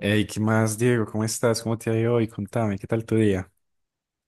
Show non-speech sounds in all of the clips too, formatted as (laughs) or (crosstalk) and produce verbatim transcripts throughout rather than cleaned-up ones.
Hey, ¿qué más, Diego? ¿Cómo estás? ¿Cómo te ha ido hoy? Contame, ¿qué tal tu día?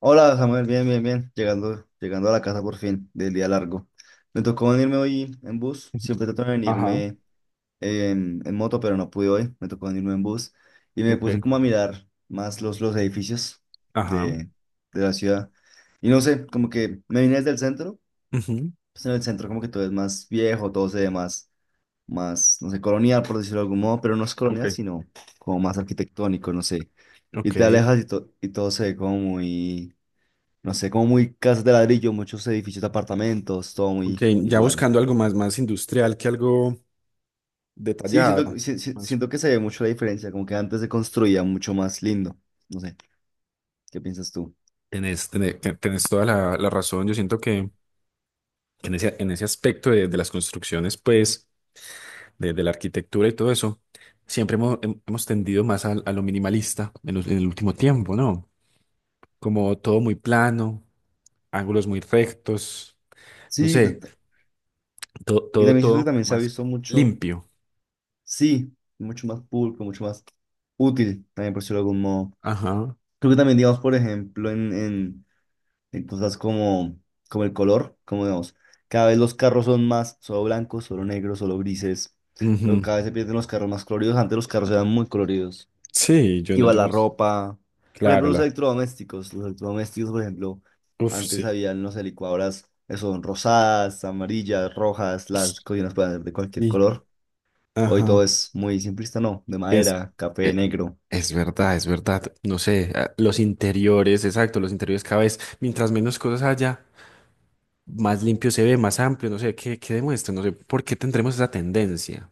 Hola Samuel, bien, bien, bien. Llegando, llegando a la casa por fin del día largo. Me tocó venirme hoy en bus. Siempre trato de Ajá, venirme en, en moto, pero no pude hoy. Me tocó venirme en bus. Y me puse ok, como a mirar más los, los edificios ajá. de, de la ciudad. Y no sé, como que me vine desde el centro. Ujú, Pues en el centro como que todo es más viejo, todo se ve más, más, no sé, colonial, por decirlo de algún modo. Pero no es colonial, ok. sino como más arquitectónico, no sé. Y Ok, te alejas y, to- y todo se ve como muy no sé, como muy casas de ladrillo, muchos edificios de apartamentos, todo muy ok. Ya igual. buscando algo más, más industrial que algo Sí, detallado. siento, si- si- Más. siento que se ve mucho la diferencia, como que antes se construía mucho más lindo. No sé, ¿qué piensas tú? Tenés, tené- te- tenés toda la, la razón. Yo siento que en ese, en ese aspecto de, de las construcciones, pues, de, de la arquitectura y todo eso, siempre hemos, hem- hemos tendido más al- a, lo minimalista en, los- en el último tiempo, ¿no? Como todo muy plano, ángulos muy rectos, no Sí, t- sé. t- Todo, y todo, también siento que todo también se ha más visto mucho, limpio. sí, mucho más pulcro, mucho más útil, también por decirlo de algún modo. Ajá. Creo que también, digamos, por ejemplo, en, en, en cosas como, como el color, como digamos, cada vez los carros son más solo blancos, solo negros, solo grises, pero Ujú. cada vez se pierden los carros más coloridos. Antes los carros eran muy coloridos. Sí, yo no, Iba yo no. la ropa. Por ejemplo, Claro, los la. electrodomésticos. Los electrodomésticos, por ejemplo, Uf, antes sí. había, no sé, licuadoras que son rosadas, amarillas, rojas, las cocinas pueden ser de cualquier Sí. color. Hoy todo Ajá. es muy simplista, ¿no? De Es, madera, café, e- negro. es verdad, es verdad. No sé, ah, los interiores, exacto, los interiores cada vez, mientras menos cosas haya, más limpio se ve, más amplio, no sé, ¿qué, qué demuestra? No sé, ¿por qué tendremos esa tendencia?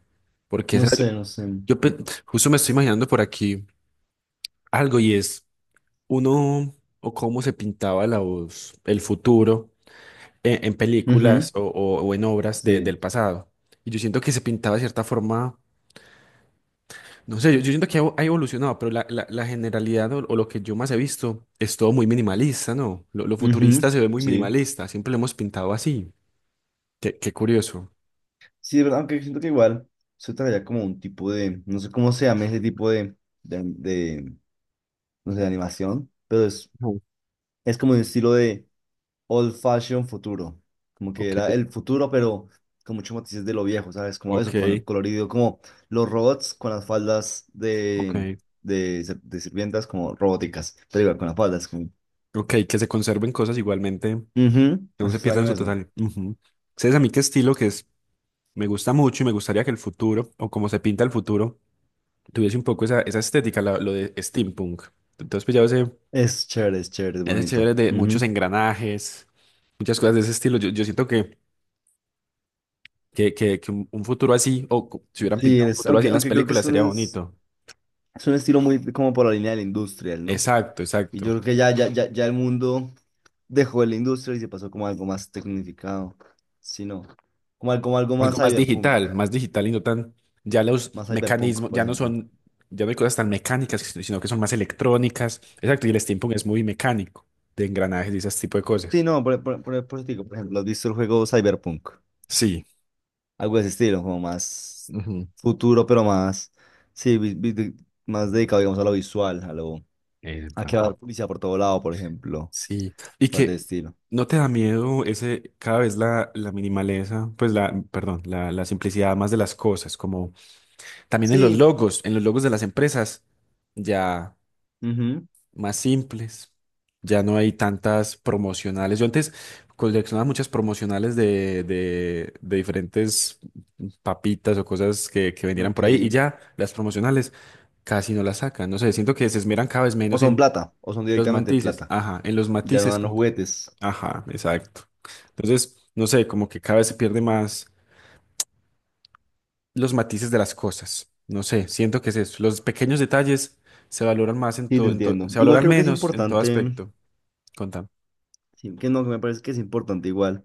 Porque No esa- Yo, sé, no sé. yo pe- justo me estoy imaginando por aquí algo y es uno o cómo se pintaba la voz, el futuro en, en Ujú, películas o, o- o en obras de- sí. del pasado. Y yo siento que se pintaba de cierta forma, no sé, yo, yo siento que ha evo- ha evolucionado, pero la, la- la generalidad o, o lo que yo más he visto es todo muy minimalista, ¿no? Lo, lo Ujú, futurista se ve muy sí. minimalista, siempre lo hemos pintado así. Qué, qué curioso. Sí, de verdad, aunque siento que igual se traía como un tipo de, no sé cómo se llama ese tipo de, de, de, no sé, de animación, pero es, Ujú, es como un estilo de old fashion futuro, como que ok, era el futuro, pero con muchos matices de lo viejo, ¿sabes? Como ok, eso, con el colorido, como los robots con las faldas de, ok. de, ser- de sirvientas como robóticas, pero igual con las faldas. Como... Ok, que se conserven cosas igualmente, Ujú, que no no es se pierdan extraño su eso. totalidad. Ujú. ¿Sabes a mí qué estilo que es? Me gusta mucho y me gustaría que el futuro, o como se pinta el futuro, tuviese un poco esa, esa estética, la- lo de steampunk. Entonces, pues ya ese, Es chévere, es chévere, es ese bonito. chévere de muchos Ujú. engranajes, muchas cosas de ese estilo. Yo, yo siento que, que, que, que un, un futuro así, o cu- si hubieran Sí, pintado un es, futuro así aunque, en las aunque creo que es películas, sería un, es bonito. un estilo muy como por la línea del industrial, ¿no? Exacto, Y yo exacto. creo que ya, ya, ya, ya el mundo dejó de la industria y se pasó como algo más tecnificado, sino como, al- como algo más Algo más cyberpunk. digital, más digital y no tan, ya los Más Cyberpunk, mecanismos, por ya no ejemplo. son, ya no hay cosas tan mecánicas, si, sino que son más electrónicas. Exacto, y el steampunk es muy mecánico, de engranajes y ese tipo de Sí, cosas. no, por, por, por, por eso te digo, por ejemplo, ¿has visto el juego Cyberpunk? Sí. Algo de ese estilo, como más Ujú. futuro, pero más, sí, vi- vi- de- más dedicado, digamos, a lo visual, a lo, a Epa. que va a haber policía por todo lado, por ejemplo, Sí, y cosas de ese que estilo. no te da miedo ese, cada vez la, la minimaleza, pues la, perdón, la, la simplicidad más de las cosas, como también en los Sí, logos, en los logos de las empresas, ya ujú, más simples, ya no hay tantas promocionales. Yo antes coleccionaba muchas promocionales de, de, de diferentes papitas o cosas que, que vendieran por ahí, y ok. ya las promocionales casi no las sacan, no sé, siento que se esmeran cada vez O menos son en, plata, o son en los directamente matices, plata. ajá, en los Ya no matices, dan los como juguetes. ajá, exacto. Entonces, no sé, como que cada vez se pierde más los matices de las cosas. No sé, siento que es eso. Los pequeños detalles se valoran más en Sí, te todo, en to- entiendo. se Igual valoran creo que es menos en todo importante, aspecto. Contame. sí, que no, que me parece que es importante igual.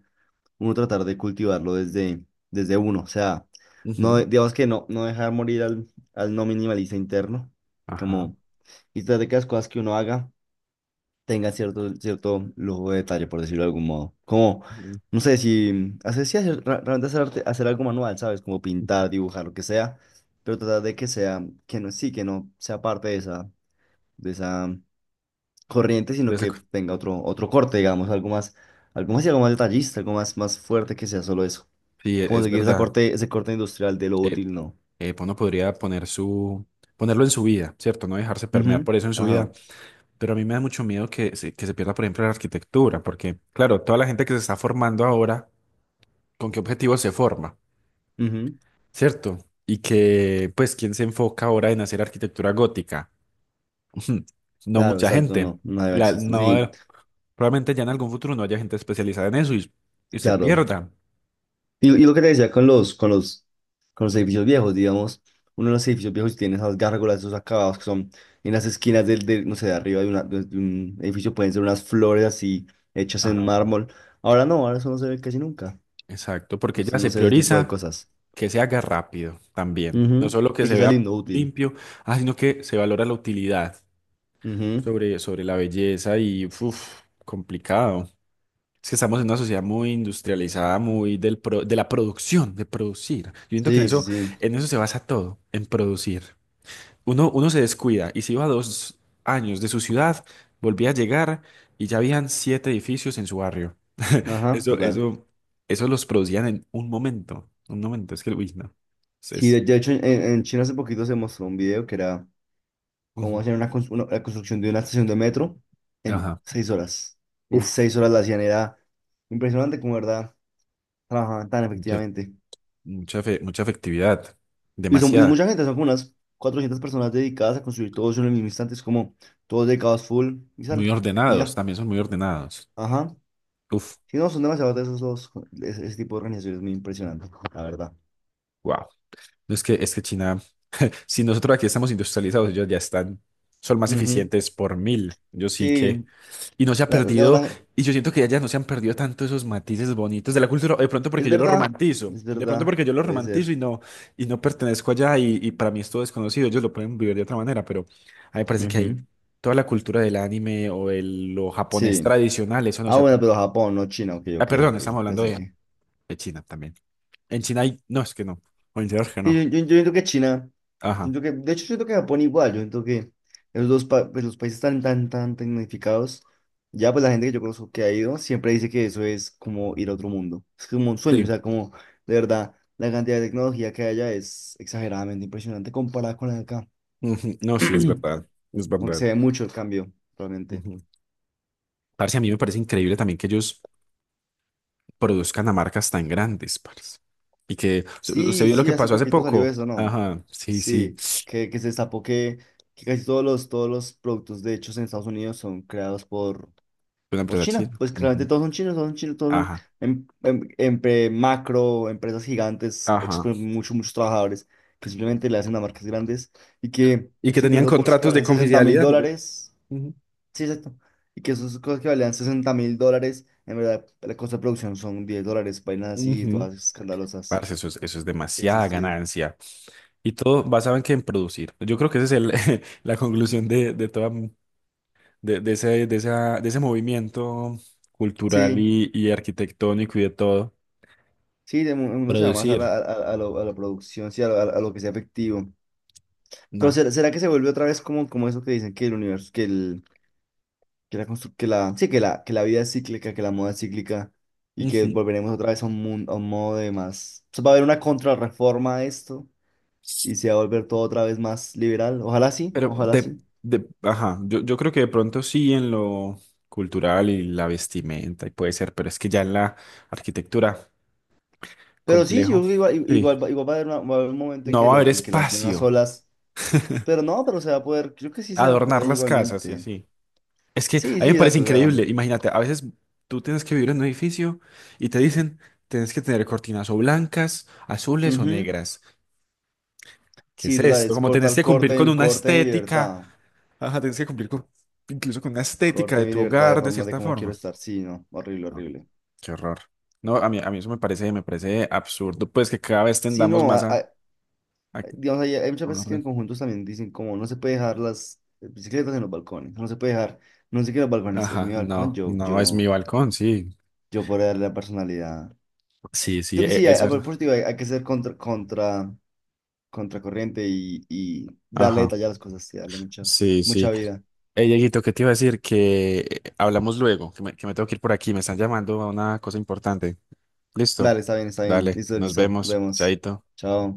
Uno tratar de cultivarlo desde, desde uno. O sea, no, Ujú, de- digamos que no, no dejar morir al, al no minimalista interno, ajá. como, y tratar de que las cosas que uno haga tengan cierto, cierto lujo de detalle, por decirlo de algún modo. Como, Ujú. no sé, si hacer, sí, hacer, ra- realmente hacer, arte- hacer algo manual, ¿sabes? Como pintar, dibujar, lo que sea, pero tratar de que sea, que no, sí, que no sea parte de esa, de esa corriente, De sino esa que co- tenga otro, otro corte, digamos, algo más, algo más y algo más detallista, algo más, más fuerte que sea solo eso. sí, e- Como es seguir esa verdad. corte, ese corte industrial de lo Eh, útil, no. eh, uno podría poner su, ponerlo en su vida, ¿cierto? No dejarse permear Ujú. por eso en su Ajá. vida. Pero a mí me da mucho miedo que se, que se pierda, por ejemplo, la arquitectura, porque, claro, toda la gente que se está formando ahora, ¿con qué objetivo se forma? Ujú. ¿Cierto? Y que, pues, ¿quién se enfoca ahora en hacer arquitectura gótica? (laughs) No Claro, mucha exacto, gente. no, no debe La, existir. no, Sí, probablemente ya en algún futuro no haya gente especializada en eso y, y se claro. pierda. Y, y lo que te decía con los, con los, con los edificios viejos, digamos, uno de los edificios viejos tiene esas gárgolas, esos acabados que son en las esquinas del, del, no sé, de arriba de, una- de- de un edificio pueden ser unas flores así hechas en Ajá. mármol. Ahora no, ahora eso no se ve casi nunca. Exacto, No porque sé ya no se sé ese tipo de prioriza cosas. que se haga rápido también. No Ujú, solo que y se que sea vea lindo, útil. limpio, ah, sino que se valora la utilidad Ujú. sobre, sobre la belleza y, uff, complicado. Es que estamos en una sociedad muy industrializada, muy del pro- de la producción, de producir. Yo siento que en Sí, sí, eso, sí. en eso se basa todo, en producir. Uno, uno se descuida y se iba dos años de su ciudad, volvía a llegar y ya habían siete edificios en su barrio. (laughs) Ajá, Eso, total. eso, eso los producían en un momento, un momento. Es que, uy, no. Es, Sí, de es- de hecho, en, en China hace poquito se mostró un video que era cómo Ujú. hacer una, cons- una- la construcción de una estación de metro en Ajá. seis horas. En Uf, seis horas la hacían, era impresionante como, verdad, trabajaban tan mucha, efectivamente. mucha, fe- mucha efectividad, Y son y demasiada. mucha gente, son como unas cuatrocientas personas dedicadas a construir todo eso en el mismo instante. Es como todos dedicados full y sale. Muy Y ordenados, ya. también son muy ordenados. Ajá. Uf. Sí, no, son demasiados de esos los, ese, ese tipo de organizaciones, es muy impresionante, la verdad. Wow. No, es que, es que China, si nosotros aquí estamos industrializados, ellos ya están, son más Ujú. eficientes por mil. Yo sí que. Sí, Y no se ha la- la- perdido, la- y yo siento que allá no se han perdido tanto esos matices bonitos de la cultura, o de pronto es porque yo lo verdad, romantizo, es de pronto verdad, porque yo lo puede ser. romantizo y no, y no pertenezco allá, y, y para mí es todo desconocido, ellos lo pueden vivir de otra manera, pero a mí me parece que hay Ujú. toda la cultura del anime o el, lo japonés Sí. tradicional, eso no Ah, se ha. per- bueno, pero Japón, no China. Ok, Ah, ok, perdón, ok. estamos hablando Pensé de, que... de China también. En China hay, no, es que no, o en China es que Sí, yo, no. yo, yo siento que China... yo Ajá. siento que... De hecho, yo siento que Japón igual. Yo siento que esos dos pa- pues, los países tan, tan, tan tecnificados. Ya, pues la gente que yo conozco que ha ido siempre dice que eso es como ir a otro mundo. Es como un sueño. O Sí. sea, como de verdad, la cantidad de tecnología que hay allá es exageradamente impresionante comparada con la de acá. Ujú, no, sí, es verdad, es (clears throat) Aunque se verdad. ve mucho el cambio, realmente. Ujú. Parce, a mí me parece increíble también que ellos produzcan a marcas tan grandes, parce. Y que se usted Sí, vio lo sí, que hace pasó hace poquito salió poco. eso, ¿no? Ajá, sí, sí, Sí, que, que se destapó que, que casi todos los, todos los productos de hechos en Estados Unidos son creados por, una por empresa China. china. Pues claramente Ujú, todos son chinos, todos son chinos, todos son ajá, em- em- empre- macro, empresas gigantes, hechas ajá. por muchos, muchos trabajadores, que simplemente le hacen a marcas grandes y que, Y que sí, que tenían esos bolsos que contratos de valen sesenta mil confidencialidad. Mira. dólares, Ujú, sí, exacto, y que esas cosas que valían sesenta mil dólares, en verdad, la costa de producción son diez dólares, vainas así, ujú. todas escandalosas. Parce, eso es, eso es Sí, sí, demasiada sí. ganancia. Y todo basado en que en producir. Yo creo que esa es el- (laughs) la conclusión de, de toda, de, de ese, de esa- de ese movimiento cultural Sí, y, y arquitectónico y de todo. sí, de mu- uno se va más a la, Producir. a, a lo- a la producción, sí, a, lo a lo- a lo que sea efectivo. Pero No. ¿será, será que se vuelve otra vez como, como eso que dicen que el universo, que el, que la constru- que la, sí, que la, que la vida es cíclica, que la moda es cíclica y que Ujú. volveremos otra vez a un mundo, a un modo de más. O sea, va a haber una contrarreforma a esto y se va a volver todo otra vez más liberal. Ojalá sí, Pero ojalá de, sí. de, ajá, yo, yo creo que de pronto sí en lo cultural y la vestimenta y puede ser, pero es que ya en la arquitectura, Pero sí, yo complejo. creo que igual, Sí, igual, va igual va a haber, una- va a haber un momento en no que va a los, haber en que las nuevas espacio, olas, pero no, pero se va a poder, creo que sí se va a adornar poder las casas y igualmente. así. Es que Sí, a mí sí, me parece exacto, o sea. increíble, imagínate, a veces tú tienes que vivir en un edificio y te dicen, tienes que tener cortinas o blancas, azules o Ujú. negras. ¿Qué es Sí, total, esto? es Como tenés cortar que cumplir con corte, una corte de mi estética libertad. ajá, tienes que cumplir con, incluso con una estética Corte de de mi tu libertad de hogar, de formas de cierta cómo quiero forma. estar. Sí, no, horrible, No, horrible. qué horror. No, a mí, a mí eso me parece, me parece absurdo, pues que cada vez Sí, tendamos no, a- más a, a- a que- digamos, hay, hay muchas a un veces que en orden. conjuntos también dicen como no se puede dejar las bicicletas en los balcones, no se puede dejar, no sé qué en los balcones, es Ajá, mi balcón, no, yo, no es yo, mi balcón, sí. yo por darle la personalidad. Sí, sí, Yo que e- sí, es a, a verdad. propósito, hay, hay que ser contra, contra, contracorriente y, y darle Ajá, detalle a las cosas, sí, darle mucha, sí, mucha sí. vida. Hey, Dieguito, ¿qué te iba a decir? Que eh, hablamos luego, que me, que me tengo que ir por aquí, me están llamando a una cosa importante. Listo, Dale, está bien, está bien, dale, listo, nos listo, nos vemos, vemos. chaito. Chao.